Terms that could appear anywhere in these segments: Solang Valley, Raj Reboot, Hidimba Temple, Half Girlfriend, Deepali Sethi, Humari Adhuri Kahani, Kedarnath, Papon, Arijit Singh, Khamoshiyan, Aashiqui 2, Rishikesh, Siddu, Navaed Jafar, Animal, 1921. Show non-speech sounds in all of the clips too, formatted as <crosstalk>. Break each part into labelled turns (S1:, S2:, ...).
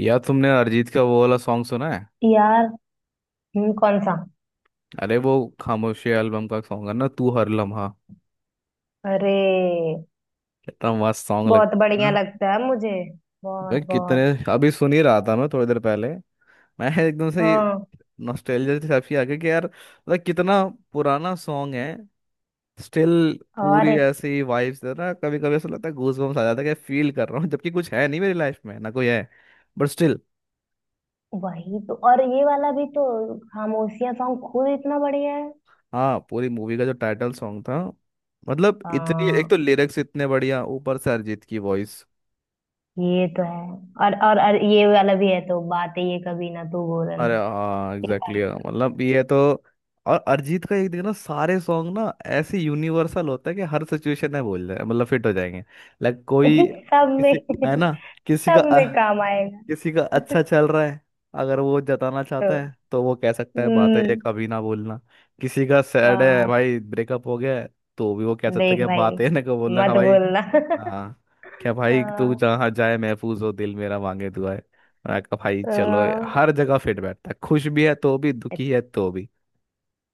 S1: या तुमने अरिजीत का वो वाला सॉन्ग सुना है?
S2: यार। कौन सा?
S1: अरे, वो खामोशी एल्बम का सॉन्ग है ना, तू हर लम्हा।
S2: अरे
S1: कितना मस्त सॉन्ग
S2: बहुत
S1: लगता है
S2: बढ़िया
S1: ना।
S2: लगता है मुझे।
S1: मैं
S2: बहुत
S1: कितने
S2: बहुत।
S1: अभी सुन ही रहा था, मैं थोड़ी देर पहले। मैं एकदम से ये,
S2: हाँ।
S1: नॉस्टैल्जिया से काफी आ गया कि यार मतलब कितना पुराना सॉन्ग है। स्टिल
S2: और
S1: पूरी
S2: एक-।
S1: ऐसी वाइब्स दे रहा है ना। कभी कभी ऐसा लगता है, गूज बम्स आ जाता है कि फील कर रहा हूँ जबकि कुछ है नहीं मेरी लाइफ में, ना कोई है। But still.
S2: वही तो। और ये वाला भी तो खामोशियां सॉन्ग खुद इतना बढ़िया है।
S1: हाँ, पूरी मूवी का जो टाइटल सॉन्ग था। मतलब इतनी, एक
S2: हाँ,
S1: तो लिरिक्स इतने बढ़िया, ऊपर से अरिजीत की वॉइस।
S2: ये तो है। और ये वाला भी है तो बात ये कभी ना तू बोलना।
S1: अरे हाँ,
S2: ये
S1: एग्जैक्टली,
S2: वाला।
S1: हाँ। मतलब ये तो। और अरिजीत का, एक देखना सारे सॉन्ग ना ऐसे यूनिवर्सल होता है कि हर सिचुएशन में बोल जाए, मतलब फिट हो जाएंगे। लाइक कोई,
S2: <laughs> सब
S1: किसी
S2: में।
S1: है ना,
S2: सब
S1: किसी का अ,
S2: में काम आएगा।
S1: किसी का अच्छा चल रहा है, अगर वो जताना
S2: तो।
S1: चाहता है तो वो कह सकता है बात है ये
S2: हम्म।
S1: कभी ना बोलना। किसी का सैड है,
S2: हाँ,
S1: भाई ब्रेकअप हो गया है, तो भी वो कह सकता है
S2: देख
S1: कि
S2: भाई,
S1: बात है <laughs> ना को बोलना। हाँ
S2: मत
S1: भाई।
S2: बोलना।
S1: हाँ, क्या
S2: <laughs>
S1: भाई तू
S2: हाँ।
S1: जहाँ जाए महफूज हो, दिल मेरा मांगे दुआ है। मैं कहा भाई चलो।
S2: हाँ।
S1: हर जगह फिट बैठता है, खुश भी है तो भी, दुखी है तो भी।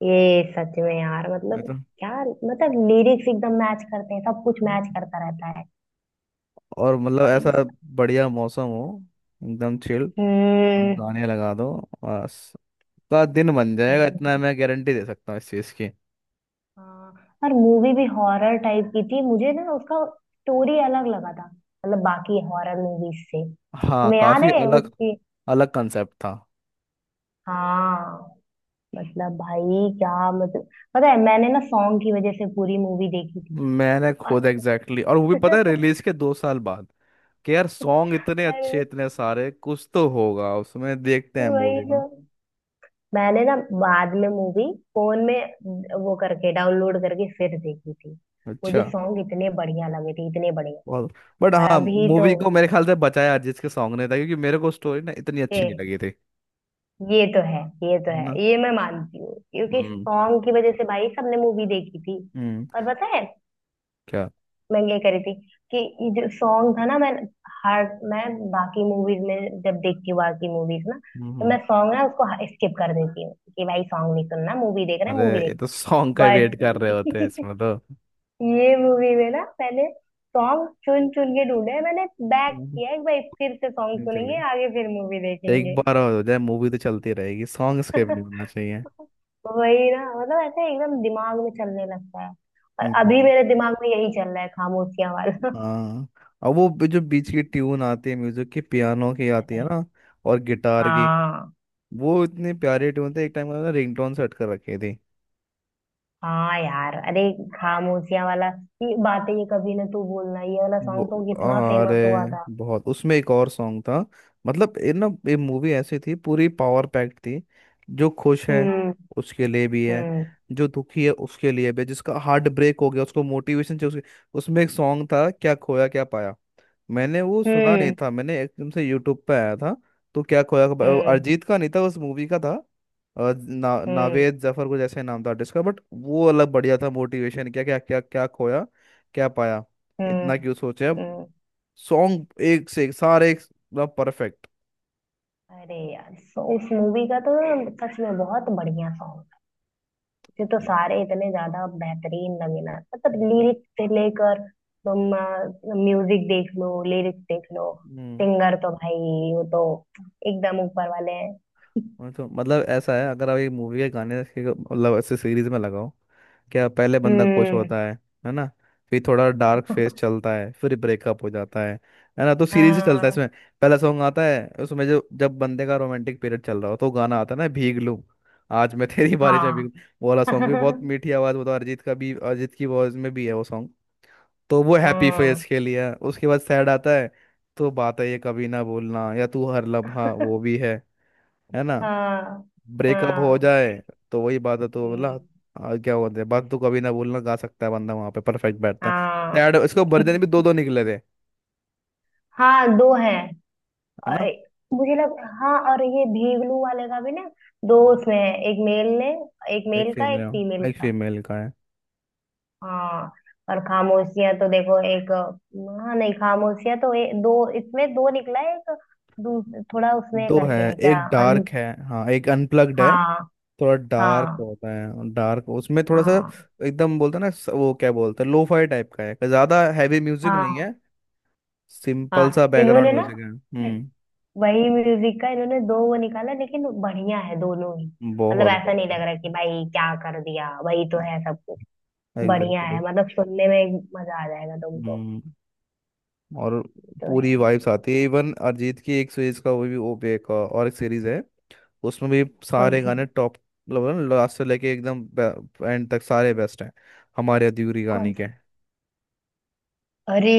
S2: ये सच में यार,
S1: मैं
S2: मतलब
S1: तो,
S2: क्या, मतलब लिरिक्स एकदम मैच करते हैं, सब कुछ मैच करता रहता है।
S1: और मतलब
S2: भाई
S1: ऐसा
S2: साहब।
S1: बढ़िया मौसम हो, एकदम चिल, और
S2: हम्म।
S1: गाने लगा दो, बस, का दिन बन जाएगा
S2: सही है।
S1: इतना, मैं गारंटी दे सकता हूँ इस चीज़ की।
S2: हाँ। और मूवी भी हॉरर टाइप की थी। मुझे ना उसका स्टोरी अलग लगा था, मतलब बाकी हॉरर मूवीज से।
S1: हाँ,
S2: तुम्हें याद
S1: काफी
S2: है
S1: अलग,
S2: उसकी?
S1: अलग कंसेप्ट था।
S2: हाँ, मतलब भाई क्या मतलब, पता है मैंने ना सॉन्ग की वजह से पूरी मूवी देखी थी।
S1: मैंने
S2: और
S1: खुद एग्जैक्टली, और वो भी पता है रिलीज के दो साल बाद कि यार
S2: <laughs>
S1: सॉन्ग इतने अच्छे,
S2: अरे,
S1: इतने सारे, कुछ तो होगा उसमें, देखते हैं
S2: वही
S1: मूवी
S2: तो।
S1: को।
S2: मैंने ना बाद में मूवी फोन में वो करके डाउनलोड करके फिर देखी थी। मुझे
S1: अच्छा।
S2: सॉन्ग इतने बढ़िया लगे थे, इतने बढ़िया।
S1: बहुत। बट
S2: और
S1: हाँ,
S2: अभी तो
S1: मूवी को मेरे ख्याल से बचाया जिसके सॉन्ग ने था, क्योंकि मेरे को स्टोरी ना इतनी अच्छी नहीं
S2: ए,
S1: लगी थी।
S2: ये तो है, ये तो
S1: है ना।
S2: है, ये मैं मानती हूँ क्योंकि
S1: हम्म।
S2: सॉन्ग की वजह से भाई सबने मूवी देखी थी।
S1: हम्म।
S2: और पता है,
S1: क्या।
S2: मैं ये करी थी कि ये जो सॉन्ग था ना, हर मैं बाकी मूवीज में जब देखती हूँ, बाकी मूवीज ना,
S1: हम्म।
S2: तो
S1: हम्म।
S2: मैं सॉन्ग ना उसको स्किप कर देती हूँ कि भाई सॉन्ग नहीं सुनना, मूवी देख रहे हैं,
S1: अरे,
S2: मूवी
S1: ये
S2: देख
S1: तो सॉन्ग का
S2: रहे हैं।
S1: वेट कर रहे होते हैं
S2: बट
S1: इसमें
S2: <laughs>
S1: तो।
S2: ये मूवी में ना मैंने सॉन्ग चुन चुन के ढूंढे हैं। मैंने बैक
S1: हम्म,
S2: किया एक, भाई फिर से सॉन्ग
S1: नहीं चले,
S2: सुनेंगे, आगे फिर मूवी
S1: एक
S2: देखेंगे।
S1: बार और हो जाए मूवी तो चलती रहेगी, सॉन्ग स्किप नहीं
S2: <laughs>
S1: होना चाहिए।
S2: वही ना, मतलब ऐसे एकदम दिमाग में चलने लगता है। और
S1: नहीं
S2: अभी
S1: चले।
S2: मेरे दिमाग में यही चल रहा है, खामोशियां वाला। <laughs>
S1: हाँ, और वो भी जो बीच की ट्यून आती है म्यूजिक की, पियानो की आती है
S2: अरे
S1: ना, और गिटार की,
S2: हाँ।
S1: वो इतनी प्यारी ट्यून थी, एक टाइम उन्होंने रिंगटोन सेट कर रखी थी।
S2: हाँ यार, अरे, खामोशियां वाला, ये बातें, ये कभी ना तू बोलना, ये वाला
S1: वो,
S2: सॉन्ग तो कितना
S1: अरे
S2: फेमस हुआ था।
S1: बहुत, उसमें एक और सॉन्ग था। मतलब ये ना, ये मूवी ऐसी थी, पूरी पावर पैक्ड थी। जो खुश है
S2: हम्म।
S1: उसके लिए भी है,
S2: हम्म।
S1: जो दुखी है उसके लिए भी है, जिसका हार्ट ब्रेक हो गया उसको मोटिवेशन चाहिए उसके। उसमें एक सॉन्ग था, क्या खोया क्या पाया। मैंने वो सुना नहीं
S2: हम्म।
S1: था, मैंने एकदम से यूट्यूब पे आया था। तो
S2: हम्म।
S1: अरिजीत का नहीं था, उस मूवी का था।
S2: हम्म।
S1: नावेद जफर को जैसे नाम था आर्टिस्ट का, बट वो अलग बढ़िया था, मोटिवेशन, क्या क्या खोया क्या पाया, इतना
S2: हम्म।
S1: क्यों सोचे अब।
S2: हम्म,
S1: सॉन्ग एक से एक सारे, एक मतलब परफेक्ट।
S2: अरे यार, सो उस मूवी का तो सच में बहुत बढ़िया सॉन्ग था। ये तो सारे इतने ज्यादा बेहतरीन लगे ना, मतलब
S1: हम्म।
S2: लिरिक्स से लेकर, तुम म्यूजिक देख लो, लिरिक्स देख लो, सिंगर तो भाई वो तो एकदम ऊपर वाले हैं।
S1: मैं तो मतलब ऐसा है, अगर आप एक मूवी के गाने के मतलब ऐसे सीरीज में लगाओ, क्या पहले बंदा खुश
S2: हम्म।
S1: होता है ना, फिर थोड़ा डार्क फेस चलता है, फिर ब्रेकअप हो जाता है ना, तो सीरीज ही चलता है
S2: हाँ।
S1: इसमें। पहला सॉन्ग आता है उसमें जो, जब बंदे का रोमांटिक पीरियड चल रहा हो तो गाना आता है ना, भीग लूं आज मैं <laughs> तेरी बारिश में भीग
S2: हाँ।
S1: लूं। वो वाला
S2: <laughs>
S1: सॉन्ग भी बहुत
S2: हम्म।
S1: मीठी आवाज, वो तो अरिजीत का भी, अरिजीत की वॉइस में भी है वो सॉन्ग। तो वो हैप्पी फेस के लिए है। उसके बाद सैड आता है, तो बात है ये कभी ना भूलना या तू हर लम्हा वो भी है ना।
S2: हाँ।
S1: ब्रेकअप हो
S2: हाँ।
S1: जाए, तो वही बात है तो बोला,
S2: हम्म,
S1: क्या बोलते हैं, बात तो कभी ना बोलना गा सकता है बंदा, वहां पे परफेक्ट बैठता है।
S2: हाँ।
S1: सैड इसको वर्जन भी दो दो
S2: <laughs>
S1: निकले थे,
S2: हाँ, दो हैं।
S1: है
S2: और
S1: ना।
S2: मुझे लग, हाँ और ये भीगलू वाले का भी ना, दो उसमें है, एक मेल ने, एक
S1: एक
S2: मेल का
S1: फीमेल
S2: एक
S1: है,
S2: फीमेल
S1: एक
S2: का।
S1: फीमेल का है।
S2: हाँ। और खामोशियां तो देखो एक, हाँ नहीं, खामोशियां तो दो इसमें, दो निकला है एक। दूस- थोड़ा उसमें
S1: दो है,
S2: करके है क्या?
S1: एक
S2: अन।
S1: डार्क है, हाँ एक अनप्लग्ड है।
S2: हाँ।
S1: थोड़ा डार्क
S2: हाँ।
S1: होता है, डार्क उसमें थोड़ा सा।
S2: हाँ।
S1: एकदम बोलते हैं ना, वो क्या बोलते हैं, लोफाई टाइप का है, ज्यादा हैवी म्यूजिक नहीं
S2: हाँ।
S1: है, सिंपल सा
S2: हाँ।
S1: बैकग्राउंड
S2: इन्होंने ना
S1: म्यूजिक है। हम्म,
S2: वही म्यूजिक का इन्होंने दो वो निकाला, लेकिन बढ़िया है दोनों ही, मतलब
S1: बहुत
S2: ऐसा नहीं लग रहा कि भाई क्या कर दिया, वही तो
S1: बढ़िया,
S2: है सब। बढ़िया
S1: एग्जैक्टली।
S2: है, मतलब सुनने में मजा आ जाएगा तुमको।
S1: और
S2: ये तो है
S1: पूरी वाइब्स आती है
S2: बढ़िया।
S1: इवन। अरिजीत की एक सीरीज का वो भी ओ बे का, और एक सीरीज है उसमें भी
S2: कौन
S1: सारे
S2: सी?
S1: गाने टॉप, मतलब लास्ट से लेके एकदम एंड तक सारे बेस्ट हैं, हमारे अधूरी
S2: कौन
S1: कहानी के,
S2: सा? अरे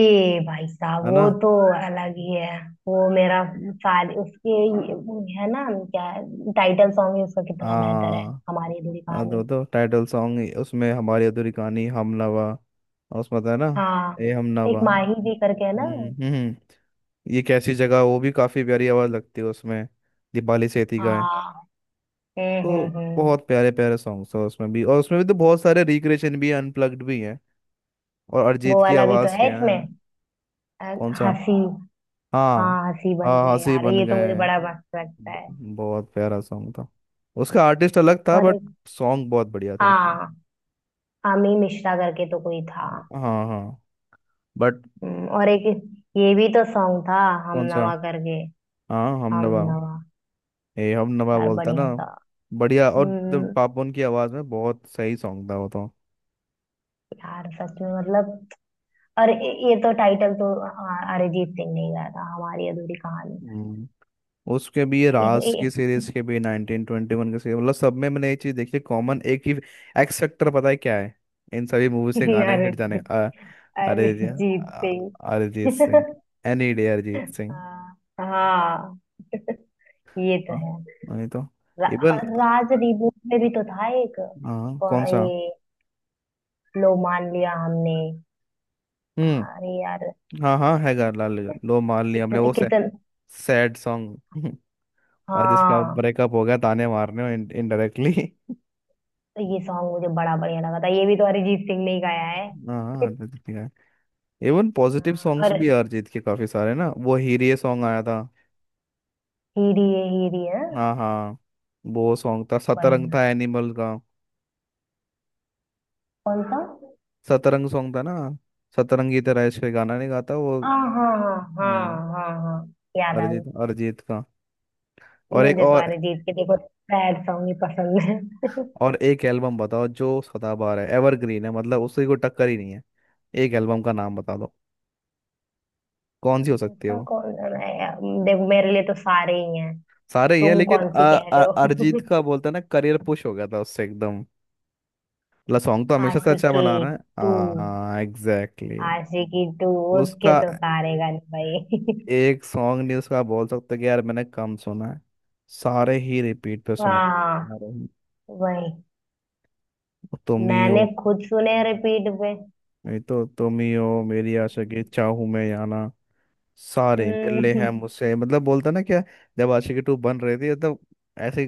S2: भाई साहब,
S1: है
S2: वो
S1: ना।
S2: तो अलग ही है। वो मेरा साल उसके वो है ना क्या, टाइटल सॉन्ग ही उसका कितना बेहतर है,
S1: हाँ
S2: हमारी अधूरी
S1: हाँ,
S2: कहानी।
S1: तो टाइटल सॉन्ग उसमें, हमारी अधूरी कहानी, हम नवा। और उसमें था ना,
S2: हाँ,
S1: ए हम
S2: एक
S1: नवा।
S2: माही
S1: हम्म।
S2: जी करके है ना।
S1: हम्म हम्म। ये कैसी जगह, वो भी काफी प्यारी आवाज लगती है उसमें, दीपाली सेठी का है।
S2: हाँ। हम्म।
S1: तो
S2: हम्म। हम्म।
S1: बहुत प्यारे प्यारे सॉन्ग्स हैं उसमें भी, और उसमें भी तो बहुत सारे रिक्रिएशन भी, अनप्लग्ड भी हैं, और
S2: वो
S1: अरिजीत की
S2: वाला भी तो
S1: आवाज़
S2: है
S1: क्या है।
S2: इसमें अ,
S1: कौन सा।
S2: हंसी।
S1: हाँ
S2: हाँ, हंसी बन
S1: हाँ,
S2: गए।
S1: हंसी
S2: यार
S1: बन
S2: ये तो मुझे
S1: गए,
S2: बड़ा मस्त लगता
S1: ब-
S2: है।
S1: बहुत प्यारा सॉन्ग था। उसका आर्टिस्ट अलग था,
S2: और
S1: बट
S2: एक-।
S1: सॉन्ग बहुत बढ़िया थे उसके।
S2: हाँ, आमी मिश्रा करके तो कोई था।
S1: हाँ हाँ, बट।
S2: और एक ये भी तो सॉन्ग था, हम
S1: कौन सा,
S2: नवा करके।
S1: हाँ
S2: हम
S1: हमनवा,
S2: नवा।
S1: ए हमनवा
S2: यार
S1: बोलता ना।
S2: बढ़िया था।
S1: बढ़िया, और जब
S2: हम्म।
S1: पापोन की आवाज़ में, बहुत सही सॉन्ग था वो तो।
S2: यार सच में, मतलब। और ये तो टाइटल तो अ- अरिजीत सिंह ने ही गाया था, हमारी अधूरी कहानी।
S1: हम्म। उसके भी, ये
S2: ये तो
S1: राज की
S2: ये
S1: सीरीज के भी, नाइनटीन ट्वेंटी वन के सीरीज, मतलब सब में मैंने एक चीज देखी है कॉमन एक ही, एक्स फैक्टर पता है क्या है, इन सभी मूवी
S2: <laughs>
S1: से गाने हिट जाने
S2: अरिजीत,
S1: अरे जी,
S2: अरिजीत
S1: अरिजीत
S2: सिंह।
S1: सिंह।
S2: <laughs>
S1: Any day Arijit Singh.
S2: हाँ हाँ, ये तो
S1: हाँ,
S2: है।
S1: नहीं तो
S2: रा,
S1: इवन।
S2: राज रिबूट में भी तो था एक।
S1: हाँ, कौन
S2: कौन-
S1: सा।
S2: ये लो, मान लिया हमने, था
S1: हम्म।
S2: अरे यार।
S1: हाँ हाँ, है गा लाल, लो मान लिया हमने,
S2: कितने कितने
S1: सैड सॉन्ग <laughs> और जिसका
S2: हाँ।
S1: ब्रेकअप <laughs> हो गया, ताने मारने इनडायरेक्टली।
S2: तो ये सॉन्ग मुझे बड़ा बढ़िया लगा था, ये भी तो अरिजीत सिंह ने ही गाया
S1: <laughs>
S2: है।
S1: हाँ हाँ, अरिजीत सिंह है। इवन पॉजिटिव
S2: हाँ,
S1: सॉन्ग्स
S2: और
S1: भी है अरिजीत के काफी सारे ना, वो हीरे सॉन्ग आया था।
S2: हीरी है, हीरी है।
S1: हाँ हाँ, वो सॉन्ग था, सतरंग
S2: बढ़िया।
S1: था एनिमल का,
S2: कौन सा?
S1: सतरंग सॉन्ग था ना, सतरंगी तरह इश्क गाना नहीं गाता वो।
S2: हाँ हाँ हाँ हाँ।
S1: हम्म,
S2: हाँ, हाँ याद आ गया।
S1: अरिजीत अरिजीत का। और एक
S2: मुझे तो
S1: और
S2: अरिजीत के देखो सैड सॉन्ग ही पसंद है।
S1: और एक एल्बम बताओ जो सदाबहार है, एवरग्रीन है, मतलब उसकी कोई टक्कर ही नहीं है। एक एल्बम का नाम बता दो, कौन सी हो सकती है
S2: ऐसा
S1: वो।
S2: कौन सा है यार? देखो, मेरे लिए तो सारे ही हैं।
S1: सारे ही है
S2: तुम
S1: लेकिन
S2: कौन सी कह रहे हो? <laughs>
S1: अरिजीत का बोलते हैं ना, करियर पुश हो गया था उससे एकदम, मतलब सॉन्ग तो हमेशा से अच्छा
S2: आशिकी
S1: बना रहा है,
S2: टू।
S1: हाँ हाँ एग्जैक्टली।
S2: आशिकी टू, उसके
S1: उसका
S2: तो सारे गाने भाई।
S1: एक सॉन्ग नहीं उसका बोल सकते कि यार मैंने कम सुना है, सारे ही रिपीट पे
S2: <laughs>
S1: सुने
S2: हाँ,
S1: सारे ही।
S2: वही।
S1: तुम ही
S2: मैंने
S1: हो,
S2: खुद सुने रिपीट पे।
S1: नहीं तो तुम ही हो, मेरी आशिकी, चाहूं मैं या ना, सारे मिल
S2: <laughs>
S1: ले हैं
S2: हम्म।
S1: मुझसे, मतलब बोलता ना क्या। जब आशिकी टू बन रही थी तो ऐसे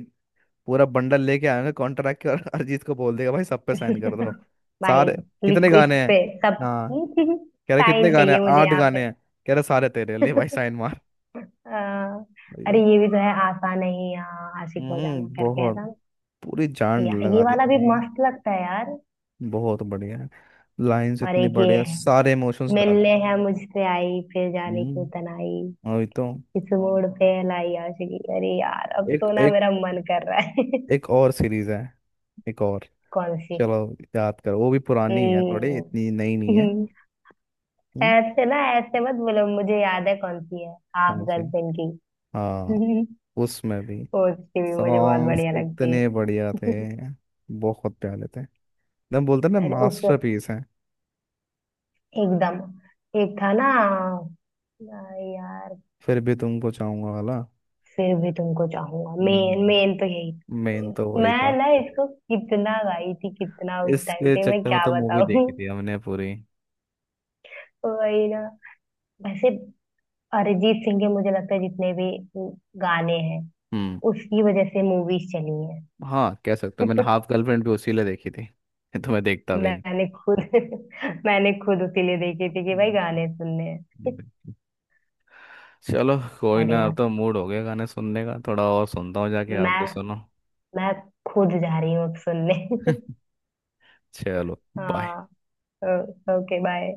S1: पूरा बंडल लेके आएंगे कॉन्ट्रैक्ट के, और <laughs> अरिजीत को बोल देगा भाई सब पे साइन कर दो,
S2: भाई
S1: सारे। कितने
S2: लिखो इस
S1: गाने हैं।
S2: पे सब। <laughs>
S1: हाँ, कह रहे कितने
S2: साइन
S1: गाने
S2: चाहिए
S1: हैं,
S2: मुझे
S1: आठ
S2: यहाँ पे।
S1: गाने हैं, कह रहे सारे तेरे ले भाई, साइन मार।
S2: आ,
S1: वही
S2: अरे
S1: तो।
S2: ये भी तो है, आसान नहीं यहाँ आशिक हो जाना,
S1: हम्म,
S2: करके है
S1: बहुत,
S2: ना।
S1: पूरी जान
S2: ये
S1: लगा दे
S2: वाला भी
S1: भाई।
S2: मस्त लगता है यार।
S1: बहुत बढ़िया है, लाइंस
S2: और
S1: इतनी
S2: एक ये
S1: बढ़िया,
S2: है,
S1: सारे इमोशंस डाल
S2: मिलने
S1: रहे हैं।
S2: है मुझसे आई, फिर जाने क्यों
S1: हम्म,
S2: तनाई,
S1: वही तो।
S2: इस मोड़ पे लाई आशिकी। अरे यार, अब
S1: एक
S2: तो ना
S1: एक
S2: मेरा मन कर रहा है। <laughs>
S1: एक और सीरीज है, एक और।
S2: कौन सी?
S1: चलो याद करो, वो भी पुरानी है थोड़ी, इतनी
S2: हम्म।
S1: नई नहीं है।
S2: <laughs>
S1: हम्म।
S2: ऐसे ना, ऐसे मत बोलो, मुझे याद है कौन सी है, हाफ
S1: कौन सी।
S2: गर्लफ्रेंड
S1: हाँ,
S2: की। <laughs>
S1: उसमें भी
S2: उसकी भी मुझे बहुत
S1: सॉन्ग्स
S2: बढ़िया लगती
S1: इतने बढ़िया थे,
S2: है। <laughs>
S1: बहुत प्यारे थे, एकदम बोलते हैं ना,
S2: अरे उस,
S1: मास्टरपीस है।
S2: एकदम एक था ना यार,
S1: फिर भी तुमको चाहूंगा वाला,
S2: फिर भी तुमको चाहूंगा, मेन मेन तो यही
S1: मेन तो
S2: था।
S1: वही
S2: मैं
S1: था।
S2: ना इसको कितना गाई थी, कितना उस टाइम
S1: इसके
S2: पे, मैं
S1: चक्कर में
S2: क्या
S1: तो मूवी
S2: बताऊं।
S1: देखी थी हमने पूरी।
S2: <laughs> वही ना। वैसे अरिजीत सिंह के मुझे लगता है जितने भी गाने हैं,
S1: हम्म।
S2: उसकी वजह से मूवीज चली हैं।
S1: हाँ, कह सकते हो, मैंने हाफ गर्लफ्रेंड भी उसी लिए देखी थी, <laughs> तो मैं देखता भी नहीं।
S2: मैंने खुद <laughs> मैंने खुद उसीलिए देखी थी कि भाई
S1: हम्म,
S2: गाने सुनने हैं।
S1: हम्म। चलो कोई ना, अब
S2: बढ़िया।
S1: तो मूड हो गया गाने सुनने का, थोड़ा और सुनता हूँ जाके, आप
S2: मैं
S1: भी सुनो।
S2: मैं खुद जा रही हूँ अब सुनने। <laughs>
S1: चलो, बाय।
S2: हाँ, ओके बाय।